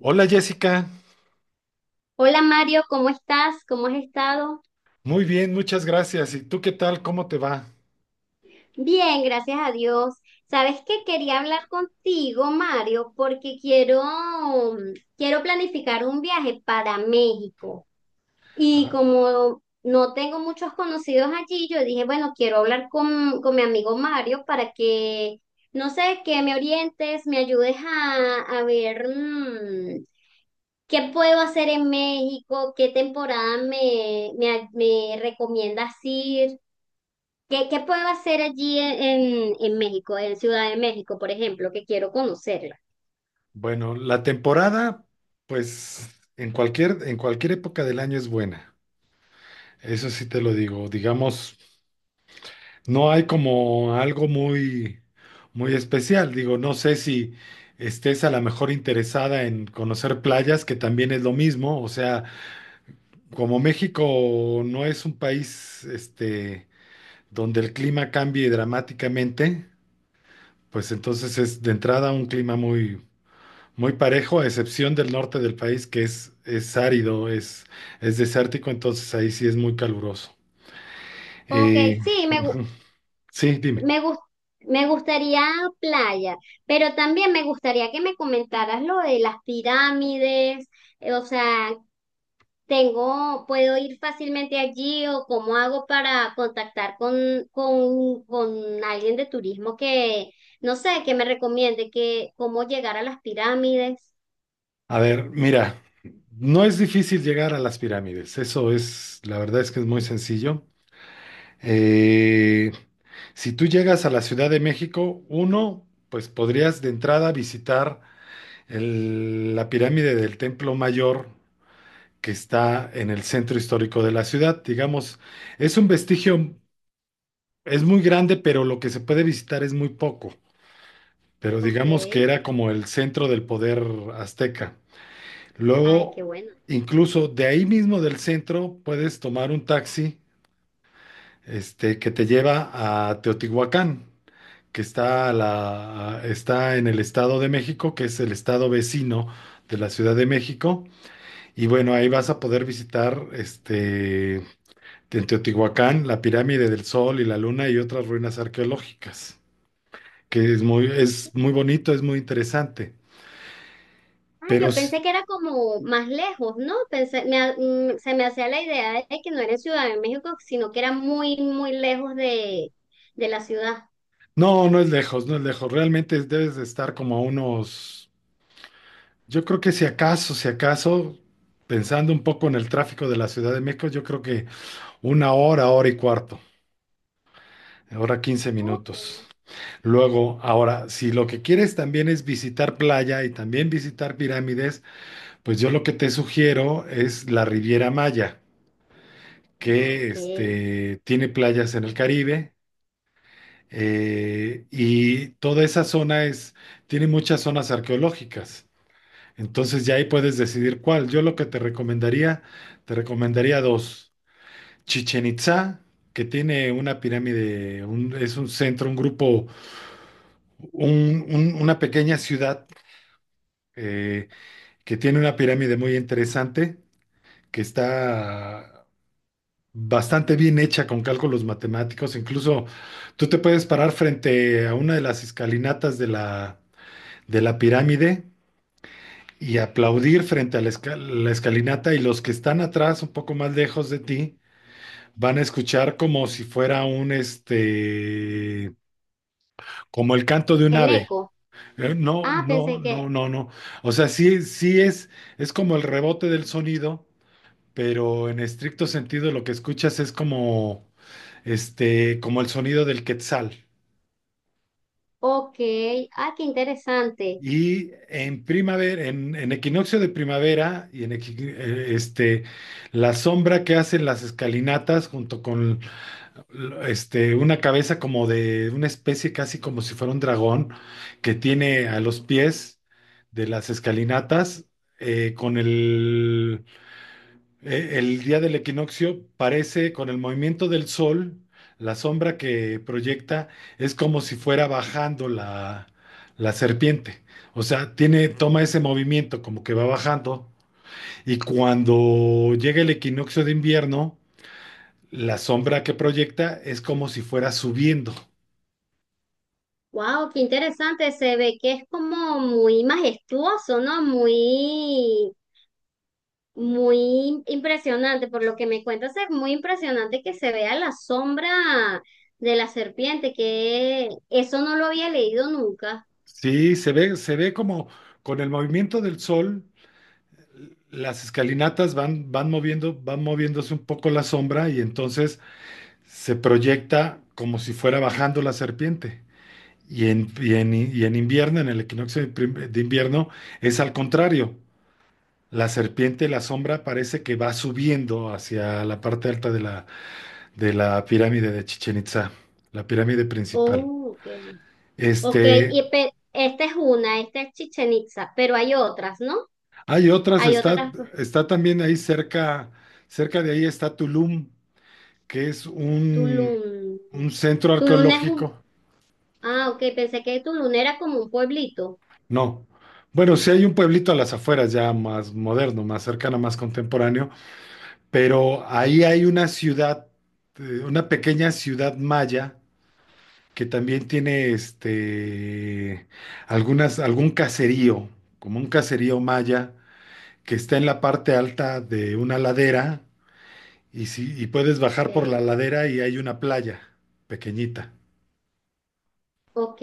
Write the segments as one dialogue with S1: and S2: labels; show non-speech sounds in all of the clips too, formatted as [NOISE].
S1: Hola Jessica,
S2: Hola Mario, ¿cómo estás? ¿Cómo has estado?
S1: muy bien, muchas gracias. ¿Y tú qué tal? ¿Cómo te va?
S2: Bien, gracias a Dios. ¿Sabes qué? Quería hablar contigo, Mario, porque quiero planificar un viaje para México. Y
S1: Ah,
S2: como no tengo muchos conocidos allí, yo dije, bueno, quiero hablar con mi amigo Mario para que, no sé, que me orientes, me ayudes a ver, ¿qué puedo hacer en México? ¿Qué temporada me recomiendas ir? ¿Qué puedo hacer allí en México, en Ciudad de México, por ejemplo, que quiero conocerla?
S1: bueno, la temporada, pues en cualquier época del año es buena. Eso sí te lo digo. Digamos, no hay como algo muy, muy especial. Digo, no sé si estés a lo mejor interesada en conocer playas, que también es lo mismo. O sea, como México no es un país, este, donde el clima cambie dramáticamente. Pues entonces es de entrada un clima muy, muy parejo, a excepción del norte del país, que es árido, es desértico, entonces ahí sí es muy caluroso.
S2: Ok,
S1: Eh,
S2: sí,
S1: [LAUGHS] ujú. Sí, dime.
S2: me, gus- me gustaría playa, pero también me gustaría que me comentaras lo de las pirámides, o sea, tengo, ¿puedo ir fácilmente allí o cómo hago para contactar con alguien de turismo que, no sé, que me recomiende que cómo llegar a las pirámides?
S1: A ver, mira, no es difícil llegar a las pirámides, eso es, la verdad es que es muy sencillo. Eh, si tú llegas a la Ciudad de México, uno, pues podrías de entrada visitar la pirámide del Templo Mayor que está en el centro histórico de la ciudad. Digamos, es un vestigio, es muy grande, pero lo que se puede visitar es muy poco. Pero
S2: Ok,
S1: digamos que era como el centro del poder azteca.
S2: ay,
S1: Luego,
S2: qué bueno.
S1: incluso de ahí mismo del centro, puedes tomar un taxi, este, que te lleva a Teotihuacán, que está, está en el Estado de México, que es el estado vecino de la Ciudad de México. Y bueno, ahí vas a poder visitar este, en Teotihuacán, la pirámide del Sol y la Luna y otras ruinas arqueológicas, que es muy bonito, es muy interesante.
S2: Ah,
S1: Pero
S2: yo
S1: s-
S2: pensé que era como más lejos, ¿no? Pensé, se me hacía la idea de que no era en Ciudad de México, sino que era muy lejos de la ciudad.
S1: no, no es lejos, no es lejos. Realmente debes de estar como a unos, yo creo que si acaso, si acaso, pensando un poco en el tráfico de la Ciudad de México, yo creo que una hora, hora y cuarto, hora quince
S2: Ok.
S1: minutos. Luego, ahora, si lo que quieres también es visitar playa y también visitar pirámides, pues yo lo que te sugiero es la Riviera Maya
S2: Ah,
S1: que
S2: ok.
S1: este, tiene playas en el Caribe y toda esa zona es, tiene muchas zonas arqueológicas. Entonces ya ahí puedes decidir cuál. Yo lo que te recomendaría dos. Chichen Itzá, que tiene una pirámide, es un centro, un grupo, una pequeña ciudad eh, que tiene una pirámide muy interesante, que está bastante bien hecha con cálculos matemáticos. Incluso tú te puedes parar frente a una de las escalinatas de la pirámide y aplaudir frente a la escalinata y los que están atrás, un poco más lejos de ti, van a escuchar como si fuera un, este, como el canto de un
S2: El
S1: ave.
S2: eco.
S1: No,
S2: Ah,
S1: no,
S2: pensé
S1: no,
S2: que,
S1: no, no. O sea, sí, sí es como el rebote del sonido, pero en estricto sentido lo que escuchas es como este, como el sonido del quetzal.
S2: ok. Ah, qué interesante.
S1: Y en primavera, en equinoccio de primavera, este, la sombra que hacen las escalinatas junto con este, una cabeza como de una especie casi como si fuera un dragón que tiene a los pies de las escalinatas con el el día del equinoccio parece, con el movimiento del sol, la sombra que proyecta es como si fuera bajando la serpiente. O sea, tiene, toma ese movimiento como que va bajando y cuando llega el equinoccio de invierno, la sombra que proyecta es como si fuera subiendo.
S2: Wow, qué interesante. Se ve que es como muy majestuoso, ¿no? Muy impresionante, por lo que me cuentas, es muy impresionante que se vea la sombra de la serpiente, que eso no lo había leído nunca.
S1: Sí, se ve como con el movimiento del sol, las escalinatas van, van moviendo, van moviéndose un poco la sombra y entonces se proyecta como si fuera bajando la serpiente. Y en invierno, en el de invierno, es al contrario. La serpiente, la sombra, parece que va subiendo hacia la parte alta de de la pirámide de Chichen Itza, la pirámide principal.
S2: Oh, ok. Ok,
S1: Este,
S2: y esta es una, esta es Chichen Itza, pero hay otras, ¿no?
S1: hay otras,
S2: Hay
S1: está,
S2: otras, pues,
S1: está también ahí cerca, cerca de ahí está Tulum, que es
S2: Tulum.
S1: un centro
S2: Tulum es un...
S1: arqueológico.
S2: Ah, ok, pensé que Tulum era como un pueblito.
S1: No. Bueno, sí hay un pueblito a las afueras ya más moderno, más cercano, más contemporáneo, pero ahí hay una ciudad, una pequeña ciudad maya que también tiene este algunas algún caserío, como un caserío maya que está en la parte alta de una ladera y si y puedes bajar por la
S2: Ok.
S1: ladera y hay una playa pequeñita.
S2: Ok.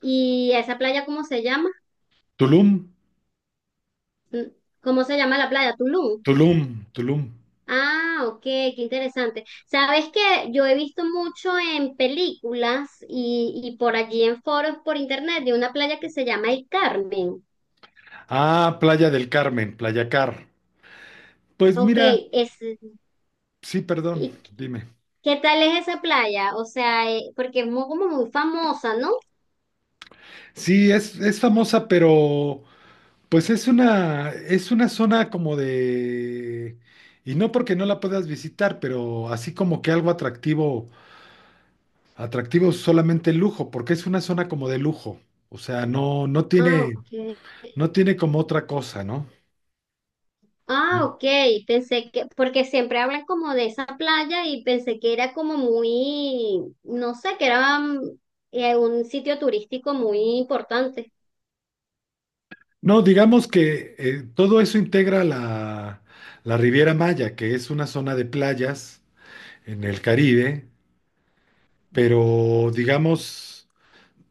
S2: ¿Y esa playa cómo se llama?
S1: Tulum,
S2: ¿Cómo se llama la playa? Tulum.
S1: Tulum, Tulum.
S2: Ah, ok, qué interesante. Sabes que yo he visto mucho en películas y por allí en foros por internet de una playa que se llama El Carmen.
S1: Ah, Playa del Carmen, Playa Car. Pues
S2: Ok,
S1: mira,
S2: es,
S1: sí, perdón,
S2: ¿y
S1: dime.
S2: qué tal es esa playa? O sea, porque es muy, como muy famosa, ¿no?
S1: Sí, es famosa, pero pues es una zona como de... Y no porque no la puedas visitar, pero así como que algo atractivo, atractivo solamente el lujo, porque es una zona como de lujo. O sea, no, no
S2: Ah,
S1: tiene,
S2: ok.
S1: no tiene como otra cosa, ¿no?
S2: Ah, ok, pensé que, porque siempre hablan como de esa playa y pensé que era como muy, no sé, que era un sitio turístico muy importante.
S1: No, digamos que todo eso integra la Riviera Maya, que es una zona de playas en el Caribe, pero digamos...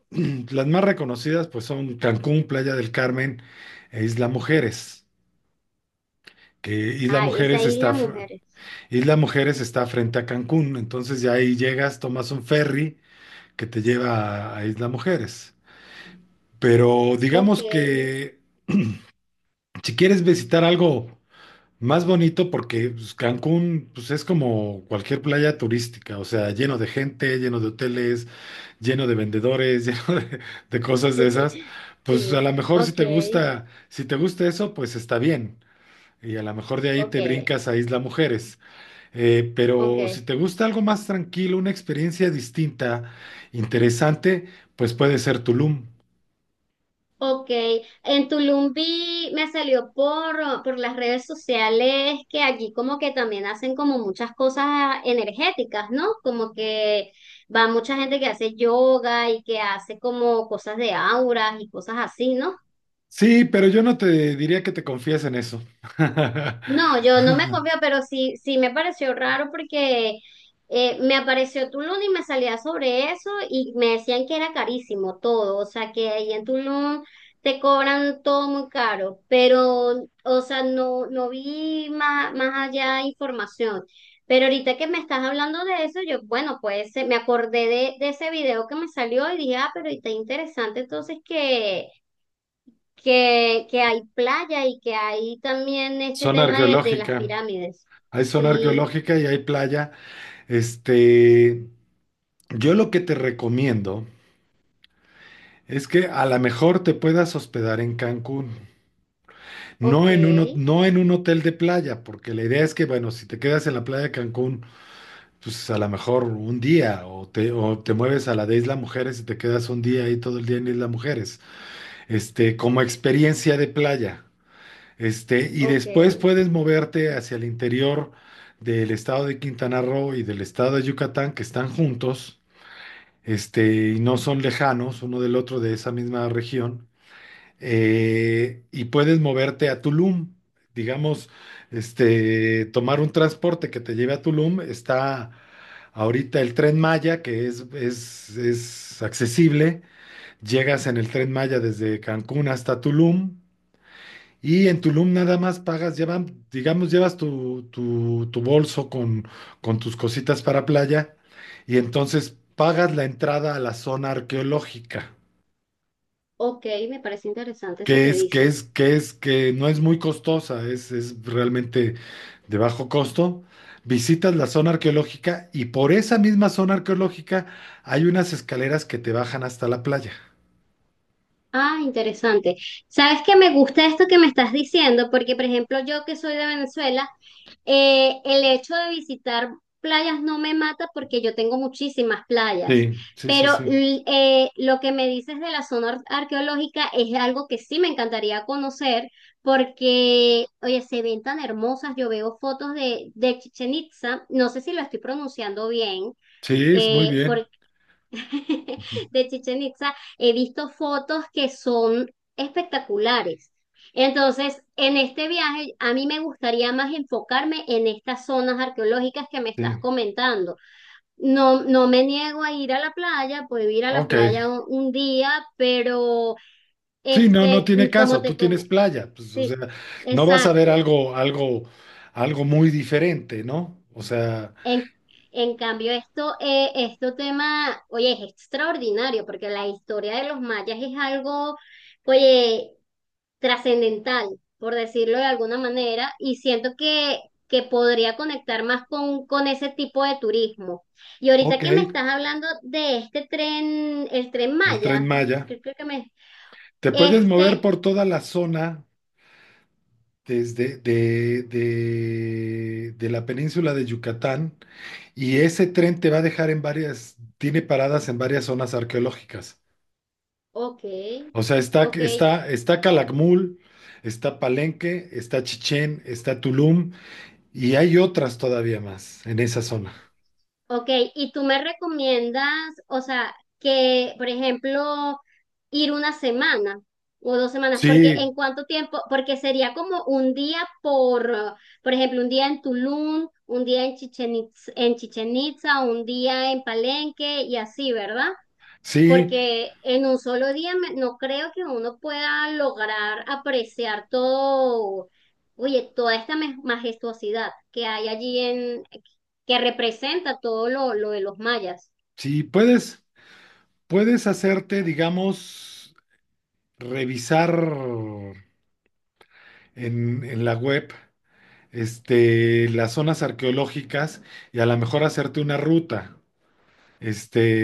S1: [CLEARS THROAT] Las más reconocidas pues son Cancún, Playa del Carmen e Isla Mujeres, que
S2: Ah, esa isla, mujer.
S1: Isla Mujeres está frente a Cancún, entonces ya ahí llegas, tomas un ferry que te lleva a Isla Mujeres. Pero
S2: Ok,
S1: digamos que si quieres visitar algo más bonito, porque pues, Cancún pues, es como cualquier playa turística, o sea, lleno de gente, lleno de hoteles lleno de vendedores, [LAUGHS] lleno de cosas de esas,
S2: [LAUGHS]
S1: pues a
S2: sí,
S1: lo mejor si te
S2: ok,
S1: gusta, si te gusta eso, pues está bien. Y a lo mejor de ahí
S2: ok,
S1: te brincas a Isla Mujeres.
S2: ok,
S1: Pero si te gusta algo más tranquilo, una experiencia distinta, interesante, pues puede ser Tulum.
S2: ok. En Tulum vi, me salió por las redes sociales que allí como que también hacen como muchas cosas energéticas, ¿no? Como que va mucha gente que hace yoga y que hace como cosas de auras y cosas así, ¿no?
S1: Sí, pero yo no te diría que te confíes en eso. [LAUGHS]
S2: No, yo no me confío, pero sí, sí me pareció raro porque me apareció Tulum y me salía sobre eso y me decían que era carísimo todo, o sea que ahí en Tulum te cobran todo muy caro, pero, o sea, no, no vi más, más allá información. Pero ahorita que me estás hablando de eso, yo, bueno, pues me acordé de ese video que me salió y dije, ah, pero está interesante entonces que hay playa y que hay también este
S1: Zona
S2: tema de las
S1: arqueológica.
S2: pirámides.
S1: Hay zona
S2: Sí,
S1: arqueológica y hay playa. Este, yo lo que te recomiendo es que a lo mejor te puedas hospedar en Cancún,
S2: ok,
S1: no en un hotel de playa, porque la idea es que, bueno, si te quedas en la playa de Cancún, pues a lo mejor un día, o o te mueves a la de Isla Mujeres y te quedas un día ahí todo el día en Isla Mujeres, este, como experiencia de playa, este, y
S2: ok,
S1: después puedes moverte hacia el interior del estado de Quintana Roo y del estado de Yucatán, que están juntos, este, y no son lejanos uno del otro de esa misma región y puedes moverte a Tulum. Digamos, este, tomar un transporte que te lleve a Tulum, está ahorita el Tren Maya, que es accesible. Llegas en el Tren
S2: ok,
S1: Maya desde Cancún hasta Tulum. Y en Tulum nada más pagas, llevan, digamos, llevas tu bolso con tus cositas para playa y entonces pagas la entrada a la zona arqueológica.
S2: ok, me parece interesante eso
S1: Que
S2: que
S1: es, que es,
S2: dices.
S1: que es, que no es muy costosa, es realmente de bajo costo. Visitas la zona arqueológica y por esa misma zona arqueológica hay unas escaleras que te bajan hasta la playa.
S2: Ah, interesante. ¿Sabes que me gusta esto que me estás diciendo? Porque, por ejemplo, yo que soy de Venezuela, eh, el hecho de visitar playas no me mata porque yo tengo muchísimas playas,
S1: Sí, sí, sí,
S2: pero
S1: sí.
S2: lo que me dices de la zona arqueológica es algo que sí me encantaría conocer porque, oye, se ven tan hermosas, yo veo fotos de Chichen Itza, no sé si lo estoy pronunciando bien,
S1: Sí, es muy bien. Ujú.
S2: [LAUGHS] de Chichen Itza, he visto fotos que son espectaculares. Entonces, en este viaje, a mí me gustaría más enfocarme en estas zonas arqueológicas que me estás
S1: Sí.
S2: comentando. No, no me niego a ir a la playa, puedo ir a la
S1: Ok.
S2: playa un día, pero
S1: Sí, no, no
S2: este,
S1: tiene
S2: como
S1: caso.
S2: te
S1: Tú tienes
S2: come,
S1: playa. Pues, o sea,
S2: sí,
S1: no vas a ver
S2: exacto.
S1: algo, algo, algo muy diferente, ¿no? O sea,
S2: En, en cambio, esto, esto tema, oye, es extraordinario, porque la historia de los mayas es algo, oye, trascendental, por decirlo de alguna manera, y siento que podría conectar más con ese tipo de turismo. Y ahorita
S1: ok,
S2: que me estás hablando de este tren, el tren
S1: el Tren
S2: Maya,
S1: Maya.
S2: creo que me...
S1: Te puedes
S2: Este,
S1: mover por toda la zona desde de la península de Yucatán y ese tren te va a dejar en varias, tiene paradas en varias zonas arqueológicas.
S2: ok,
S1: O sea,
S2: ok,
S1: está Calakmul, está Palenque, está Chichén, está Tulum y hay otras todavía más en esa zona.
S2: ok, y tú me recomiendas, o sea, que, por ejemplo, ir una semana o dos semanas, porque
S1: Sí,
S2: en cuánto tiempo, porque sería como un día por ejemplo, un día en Tulum, un día en en Chichen Itza, un día en Palenque y así, ¿verdad?
S1: sí,
S2: Porque en un solo día no creo que uno pueda lograr apreciar todo, oye, toda esta majestuosidad que hay allí en, que representa todo lo de los mayas.
S1: sí, puedes, puedes hacerte, digamos, revisar en la web este, las zonas arqueológicas y a lo mejor hacerte una ruta.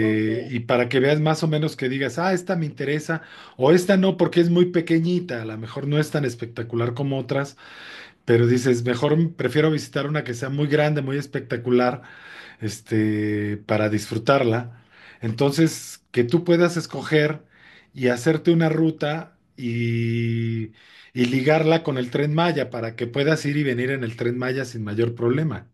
S2: Ok,
S1: y para que veas más o menos que digas, ah, esta me interesa, o esta no, porque es muy pequeñita, a lo mejor no es tan espectacular como otras, pero dices, mejor prefiero visitar una que sea muy grande, muy espectacular, este, para disfrutarla. Entonces, que tú puedas escoger y hacerte una ruta y ligarla con el Tren Maya para que puedas ir y venir en el Tren Maya sin mayor problema.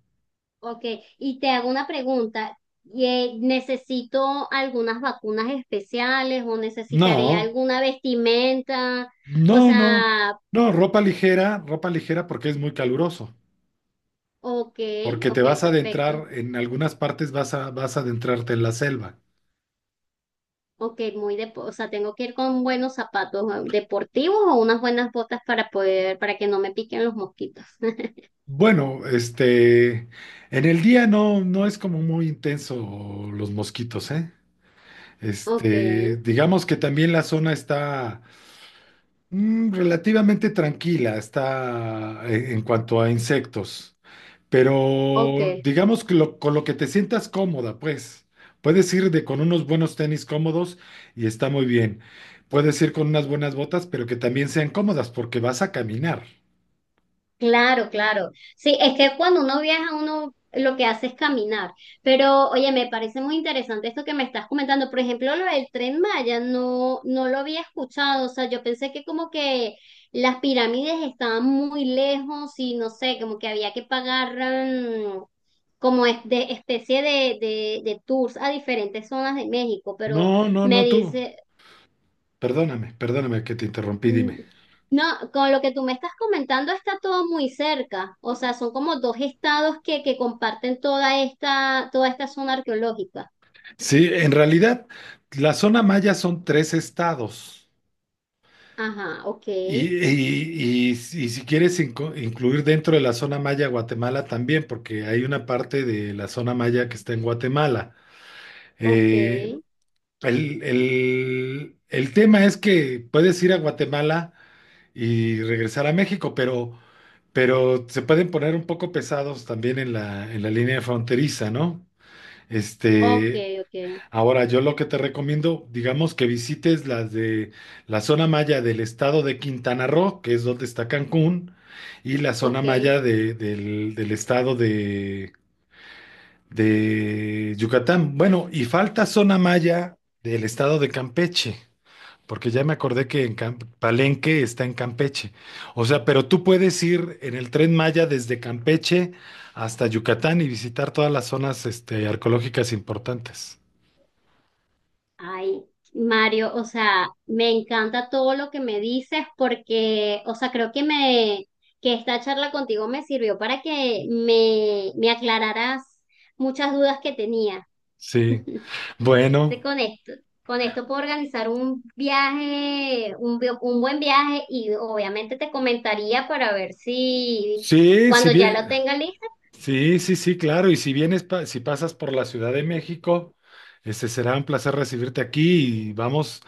S2: ok. Y te hago una pregunta. Y, ¿necesito algunas vacunas especiales o necesitaré
S1: No,
S2: alguna vestimenta? O
S1: no, no,
S2: sea,
S1: no, ropa ligera porque es muy caluroso,
S2: ok,
S1: porque te
S2: ok,
S1: vas a
S2: perfecto.
S1: adentrar, en algunas partes vas a adentrarte en la selva.
S2: Ok, muy de, o sea, tengo que ir con buenos zapatos deportivos o unas buenas botas para poder, para que no me piquen los mosquitos. [LAUGHS]
S1: Bueno, este, en el día no, no es como muy intenso los mosquitos, ¿eh?
S2: Ok,
S1: Este, digamos que también la zona está mm, relativamente tranquila, está en cuanto a insectos,
S2: ok.
S1: pero digamos que con lo que te sientas cómoda, pues, puedes ir de con unos buenos tenis cómodos y está muy bien. Puedes ir con unas buenas botas, pero que también sean cómodas porque vas a caminar.
S2: Claro, claro. Sí, es que cuando uno viaja, uno lo que hace es caminar. Pero, oye, me parece muy interesante esto que me estás comentando. Por ejemplo, lo del Tren Maya, no, no lo había escuchado. O sea, yo pensé que como que las pirámides estaban muy lejos y no sé, como que había que pagar como de especie de tours a diferentes zonas de México. Pero
S1: No, no,
S2: me
S1: no tú.
S2: dice,
S1: Perdóname, perdóname que te interrumpí,
S2: Mm,
S1: dime.
S2: no, con lo que tú me estás comentando está todo muy cerca. O sea, son como dos estados que comparten toda esta zona arqueológica.
S1: Sí, en realidad, la zona maya son tres estados.
S2: Ajá, ok,
S1: Y, y si quieres incluir dentro de la zona maya Guatemala también, porque hay una parte de la zona maya que está en Guatemala.
S2: ok,
S1: Eh, el tema es que puedes ir a Guatemala y regresar a México, pero se pueden poner un poco pesados también en en la línea fronteriza, ¿no?
S2: ok,
S1: Este,
S2: ok,
S1: ahora, yo lo que te recomiendo, digamos que visites las de la zona maya del estado de Quintana Roo, que es donde está Cancún, y la zona
S2: ok.
S1: maya del estado de Yucatán. Bueno, y falta zona maya del estado de Campeche, porque ya me acordé que en Palenque está en Campeche. O sea, pero tú puedes ir en el tren maya desde Campeche hasta Yucatán y visitar todas las zonas, este, arqueológicas importantes.
S2: Ay, Mario, o sea, me encanta todo lo que me dices porque, o sea, creo que me, que esta charla contigo me sirvió para que me aclararas muchas dudas que tenía.
S1: Sí.
S2: [LAUGHS] Te
S1: Bueno,
S2: conecto. Con esto puedo organizar un viaje, un, un buen viaje y obviamente te comentaría para ver si
S1: sí, si
S2: cuando ya
S1: bien,
S2: lo tenga lista,
S1: sí, sí, sí, claro. Y si vienes, si pasas por la Ciudad de México, este será un placer recibirte aquí y vamos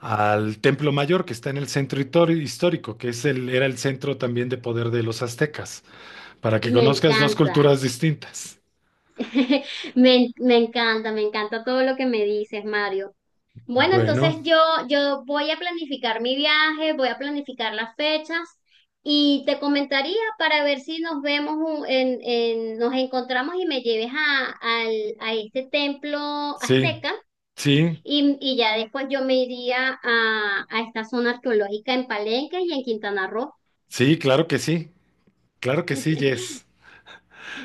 S1: al Templo Mayor que está en el centro histórico, que es el, era el centro también de poder de los aztecas, para que
S2: me
S1: conozcas dos
S2: encanta.
S1: culturas distintas.
S2: [LAUGHS] Me encanta todo lo que me dices, Mario. Bueno, entonces
S1: Bueno,
S2: yo voy a planificar mi viaje, voy a planificar las fechas y te comentaría para ver si nos vemos, en, nos encontramos y me lleves a, a este templo
S1: sí,
S2: azteca
S1: sí,
S2: y ya después yo me iría a esta zona arqueológica en Palenque y en Quintana Roo.
S1: sí, claro que sí, claro que sí, Jess.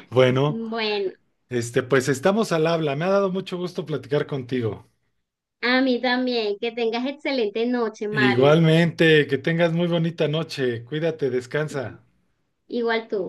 S1: Bueno,
S2: Bueno,
S1: este, pues estamos al habla. Me ha dado mucho gusto platicar contigo.
S2: a mí también. Que tengas excelente noche, Mario.
S1: Igualmente, que tengas muy bonita noche. Cuídate, descansa.
S2: Igual tú.